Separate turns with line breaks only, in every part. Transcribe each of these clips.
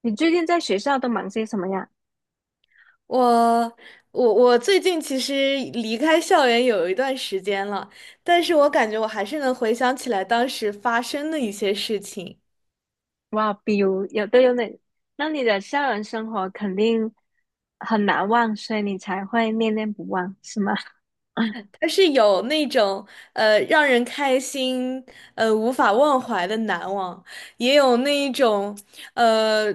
你最近在学校都忙些什么呀？
我我最近其实离开校园有一段时间了，但是我感觉我还是能回想起来当时发生的一些事情，
哇，比如有都有哪？那你的校园生活肯定很难忘，所以你才会念念不忘，是吗？
它是有那种让人开心无法忘怀的难忘，也有那一种呃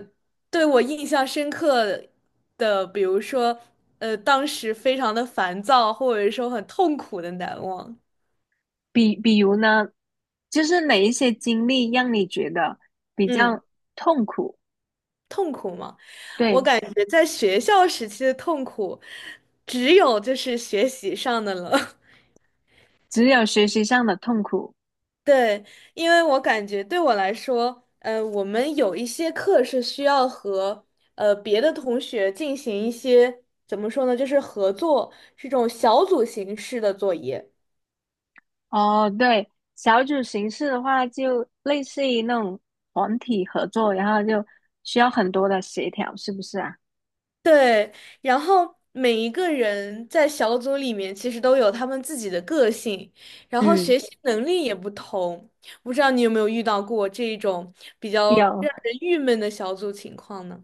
对我印象深刻的，比如说当时非常的烦躁，或者说很痛苦的难忘。
比如呢，就是哪一些经历让你觉得比
嗯，
较痛苦？
痛苦吗？我
对，
感觉在学校时期的痛苦，只有就是学习上的了。
只有学习上的痛苦。
对，因为我感觉对我来说，我们有一些课是需要和别的同学进行一些怎么说呢，就是合作，是这种小组形式的作业。
哦，对，小组形式的话，就类似于那种团体合作，然后就需要很多的协调，是不是啊？
对，然后每一个人在小组里面其实都有他们自己的个性，然后
嗯，
学习能力也不同。不知道你有没有遇到过这一种比较
有，
让人郁闷的小组情况呢？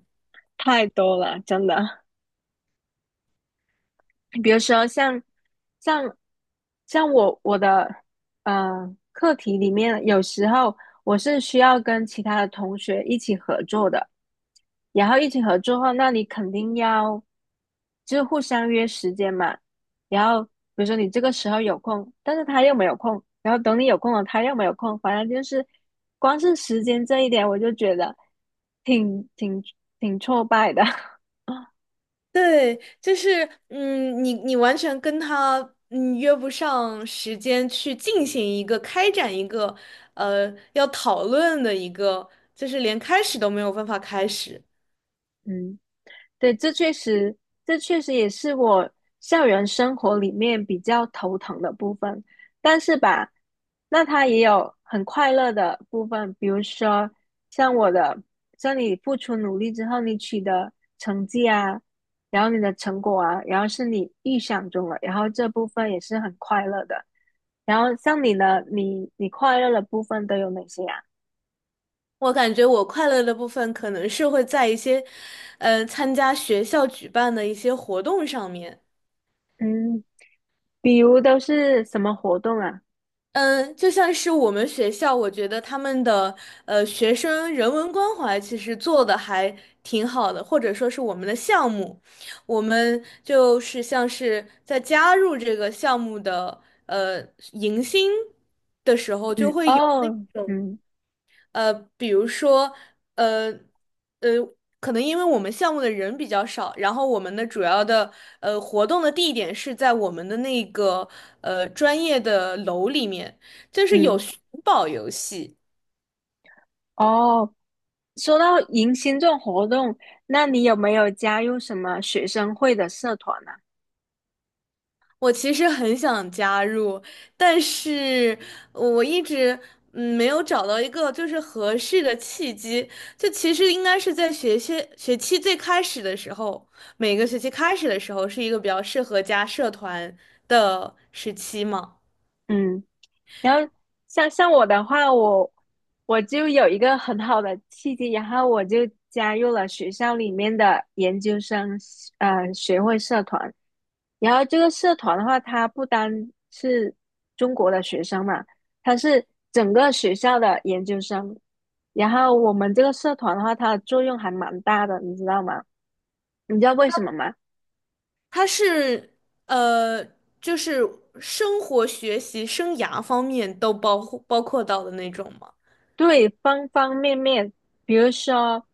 太多了，真的。比如说像像我的课题里面，有时候我是需要跟其他的同学一起合作的，然后一起合作后，那你肯定要就是互相约时间嘛。然后比如说你这个时候有空，但是他又没有空，然后等你有空了，他又没有空，反正就是光是时间这一点，我就觉得挺挺挺挫败的。
对，就是嗯，你完全跟他嗯约不上时间去进行一个开展一个要讨论的一个，就是连开始都没有办法开始。
嗯对，这确实，这确实也是我校园生活里面比较头疼的部分。但是吧，那它也有很快乐的部分，比如说像我的，像你付出努力之后，你取得成绩啊，然后你的成果啊，然后是你预想中的，然后这部分也是很快乐的。然后像你呢，你快乐的部分都有哪些啊？
我感觉我快乐的部分可能是会在一些，参加学校举办的一些活动上面。
嗯，比如都是什么活动啊？
嗯，就像是我们学校，我觉得他们的学生人文关怀其实做的还挺好的，或者说是我们的项目，我们就是像是在加入这个项目的迎新的时候，就
嗯，
会有那。
哦，嗯
比如说，呃，呃，可能因为我们项目的人比较少，然后我们的主要的活动的地点是在我们的那个专业的楼里面，就是有
嗯。
寻宝游戏。
哦，说到迎新这种活动，那你有没有加入什么学生会的社团呢、
我其实很想加入，但是我一直嗯没有找到一个就是合适的契机。就其实应该是在学期最开始的时候，每个学期开始的时候是一个比较适合加社团的时期嘛。
嗯。然后像我的话，我就有一个很好的契机，然后我就加入了学校里面的研究生学会社团。然后这个社团的话，它不单是中国的学生嘛，它是整个学校的研究生。然后我们这个社团的话，它的作用还蛮大的，你知道吗？你知道为什么吗？
它是呃就是生活、学习、生涯方面都包括到的那种吗？
对，方方面面，比如说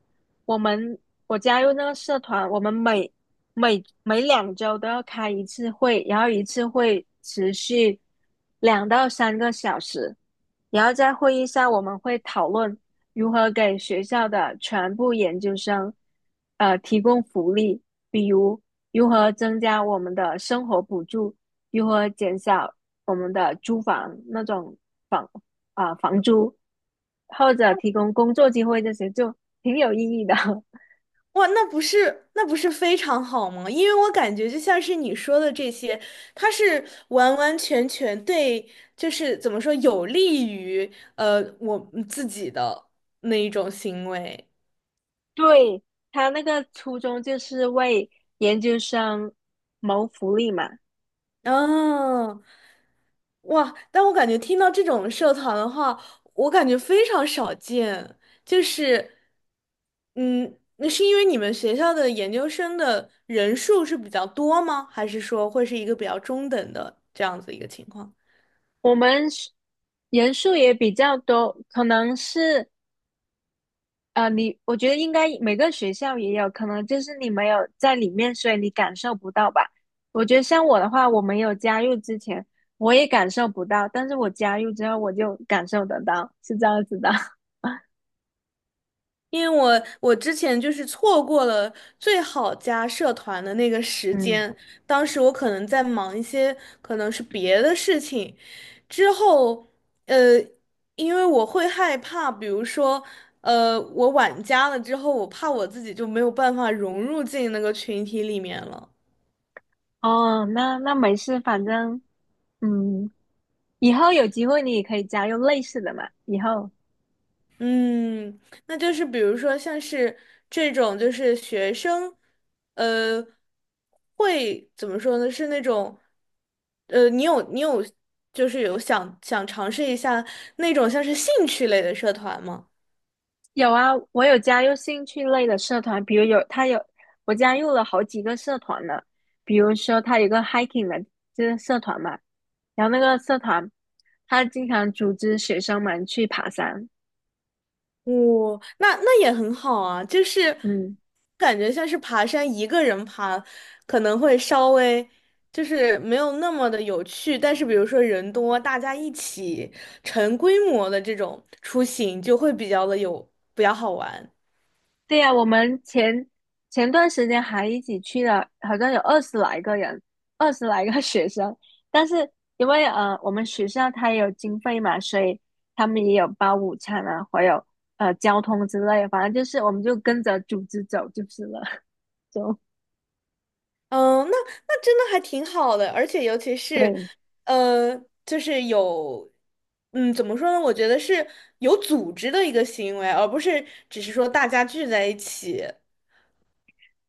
我们我加入那个社团，我们每两周都要开一次会，然后一次会持续两到三个小时，然后在会议上我们会讨论如何给学校的全部研究生提供福利，比如如何增加我们的生活补助，如何减少我们的租房那种。房。房租，或者提供工作机会这些，就挺有意义的。
哇，那不是非常好吗？因为我感觉就像是你说的这些，它是完完全全对，就是怎么说，有利于我嗯自己的那一种行为。
对，他那个初衷就是为研究生谋福利嘛。
哦，哇！但我感觉听到这种社团的话，我感觉非常少见。就是，嗯，那是因为你们学校的研究生的人数是比较多吗？还是说会是一个比较中等的这样子一个情况？
我们是人数也比较多，可能是你我觉得应该每个学校也有，可能就是你没有在里面，所以你感受不到吧。我觉得像我的话，我没有加入之前，我也感受不到，但是我加入之后，我就感受得到，是这样子的。
因为我之前就是错过了最好加社团的那个 时
嗯。
间，当时我可能在忙一些可能是别的事情，之后呃，因为我会害怕，比如说我晚加了之后，我怕我自己就没有办法融入进那个群体里面了。
哦，那那没事，反正嗯，以后有机会你也可以加入类似的嘛。以后
嗯，那就是比如说像是这种，就是学生，呃，会怎么说呢？是那种，你有，就是有想尝试一下那种像是兴趣类的社团吗？
有啊，我有加入兴趣类的社团，比如有他有我加入了好几个社团呢，比如说他有一个 hiking 的就是社团嘛，然后那个社团他经常组织学生们去爬山，
哦，那那也很好啊，就是
嗯。
感觉像是爬山，一个人爬可能会稍微就是没有那么的有趣，但是比如说人多，大家一起成规模的这种出行，就会比较的有比较好玩。
对呀，我们前段时间还一起去了，好像有二十来个人，二十来个 学生。但是因为我们学校它也有经费嘛，所以他们也有包午餐啊，还有交通之类的，反正就是我们就跟着组织走就是了，就
嗯，那那真的还挺好的，而且尤其是，
对。
呃，就是有，嗯，怎么说呢？我觉得是有组织的一个行为，而不是只是说大家聚在一起。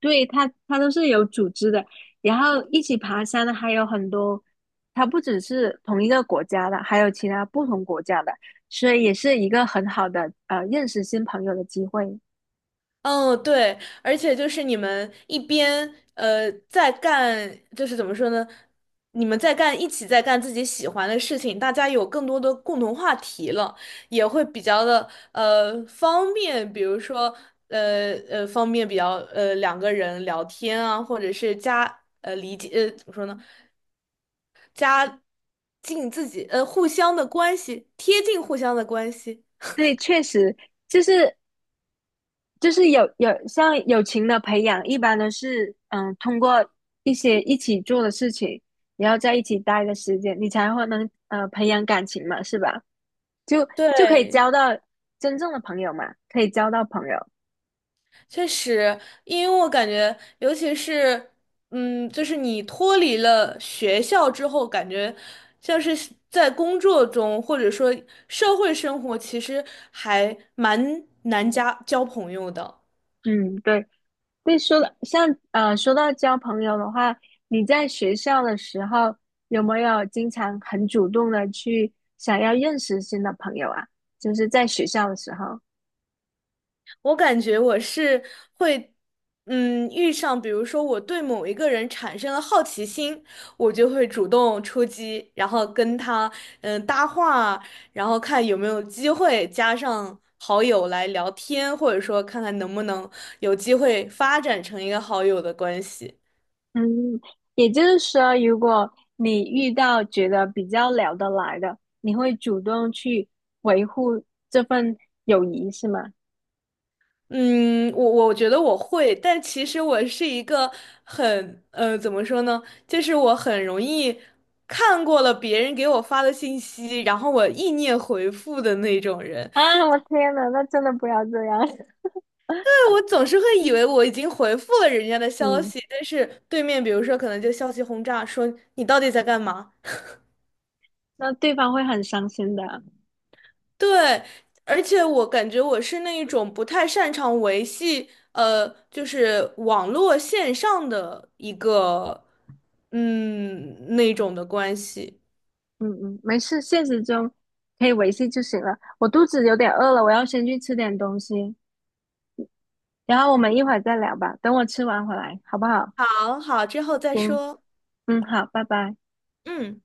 对，他都是有组织的，然后一起爬山的还有很多，他不只是同一个国家的，还有其他不同国家的，所以也是一个很好的认识新朋友的机会。
嗯，对，而且就是你们一边在干，就是怎么说呢？你们在干，一起在干自己喜欢的事情，大家有更多的共同话题了，也会比较的方便，比如说方便比较两个人聊天啊，或者是加理解怎么说呢？加近自己互相的关系，贴近互相的关系，
对，确实就是就是有像友情的培养，一般都是嗯通过一些一起做的事情，然后在一起待的时间，你才会能培养感情嘛，是吧？就就可以
对。
交到真正的朋友嘛，可以交到朋友。
确实，因为我感觉，尤其是，嗯，就是你脱离了学校之后，感觉像是在工作中，或者说社会生活，其实还蛮难加交朋友的。
嗯，对。对，说到交朋友的话，你在学校的时候有没有经常很主动的去想要认识新的朋友啊？就是在学校的时候，
我感觉我是会，嗯，遇上比如说我对某一个人产生了好奇心，我就会主动出击，然后跟他嗯搭话，然后看有没有机会加上好友来聊天，或者说看看能不能有机会发展成一个好友的关系。
嗯，也就是说，如果你遇到觉得比较聊得来的，你会主动去维护这份友谊，是吗？
嗯，我觉得我会，但其实我是一个很，怎么说呢？就是我很容易看过了别人给我发的信息，然后我意念回复的那种人。
啊，我天呐，那真的不要这样，
但我总是会以为我已经回复了人家的消
嗯，
息，但是对面比如说可能就消息轰炸，说你到底在干嘛？
那对方会很伤心的。
对，而且我感觉我是那一种不太擅长维系，就是网络线上的一个，嗯，那种的关系。
嗯嗯，没事，现实中可以维系就行了。我肚子有点饿了，我要先去吃点东西，然后我们一会儿再聊吧。等我吃完回来，好不好？
好好，之后再
行，
说。
嗯，好，拜拜。
嗯。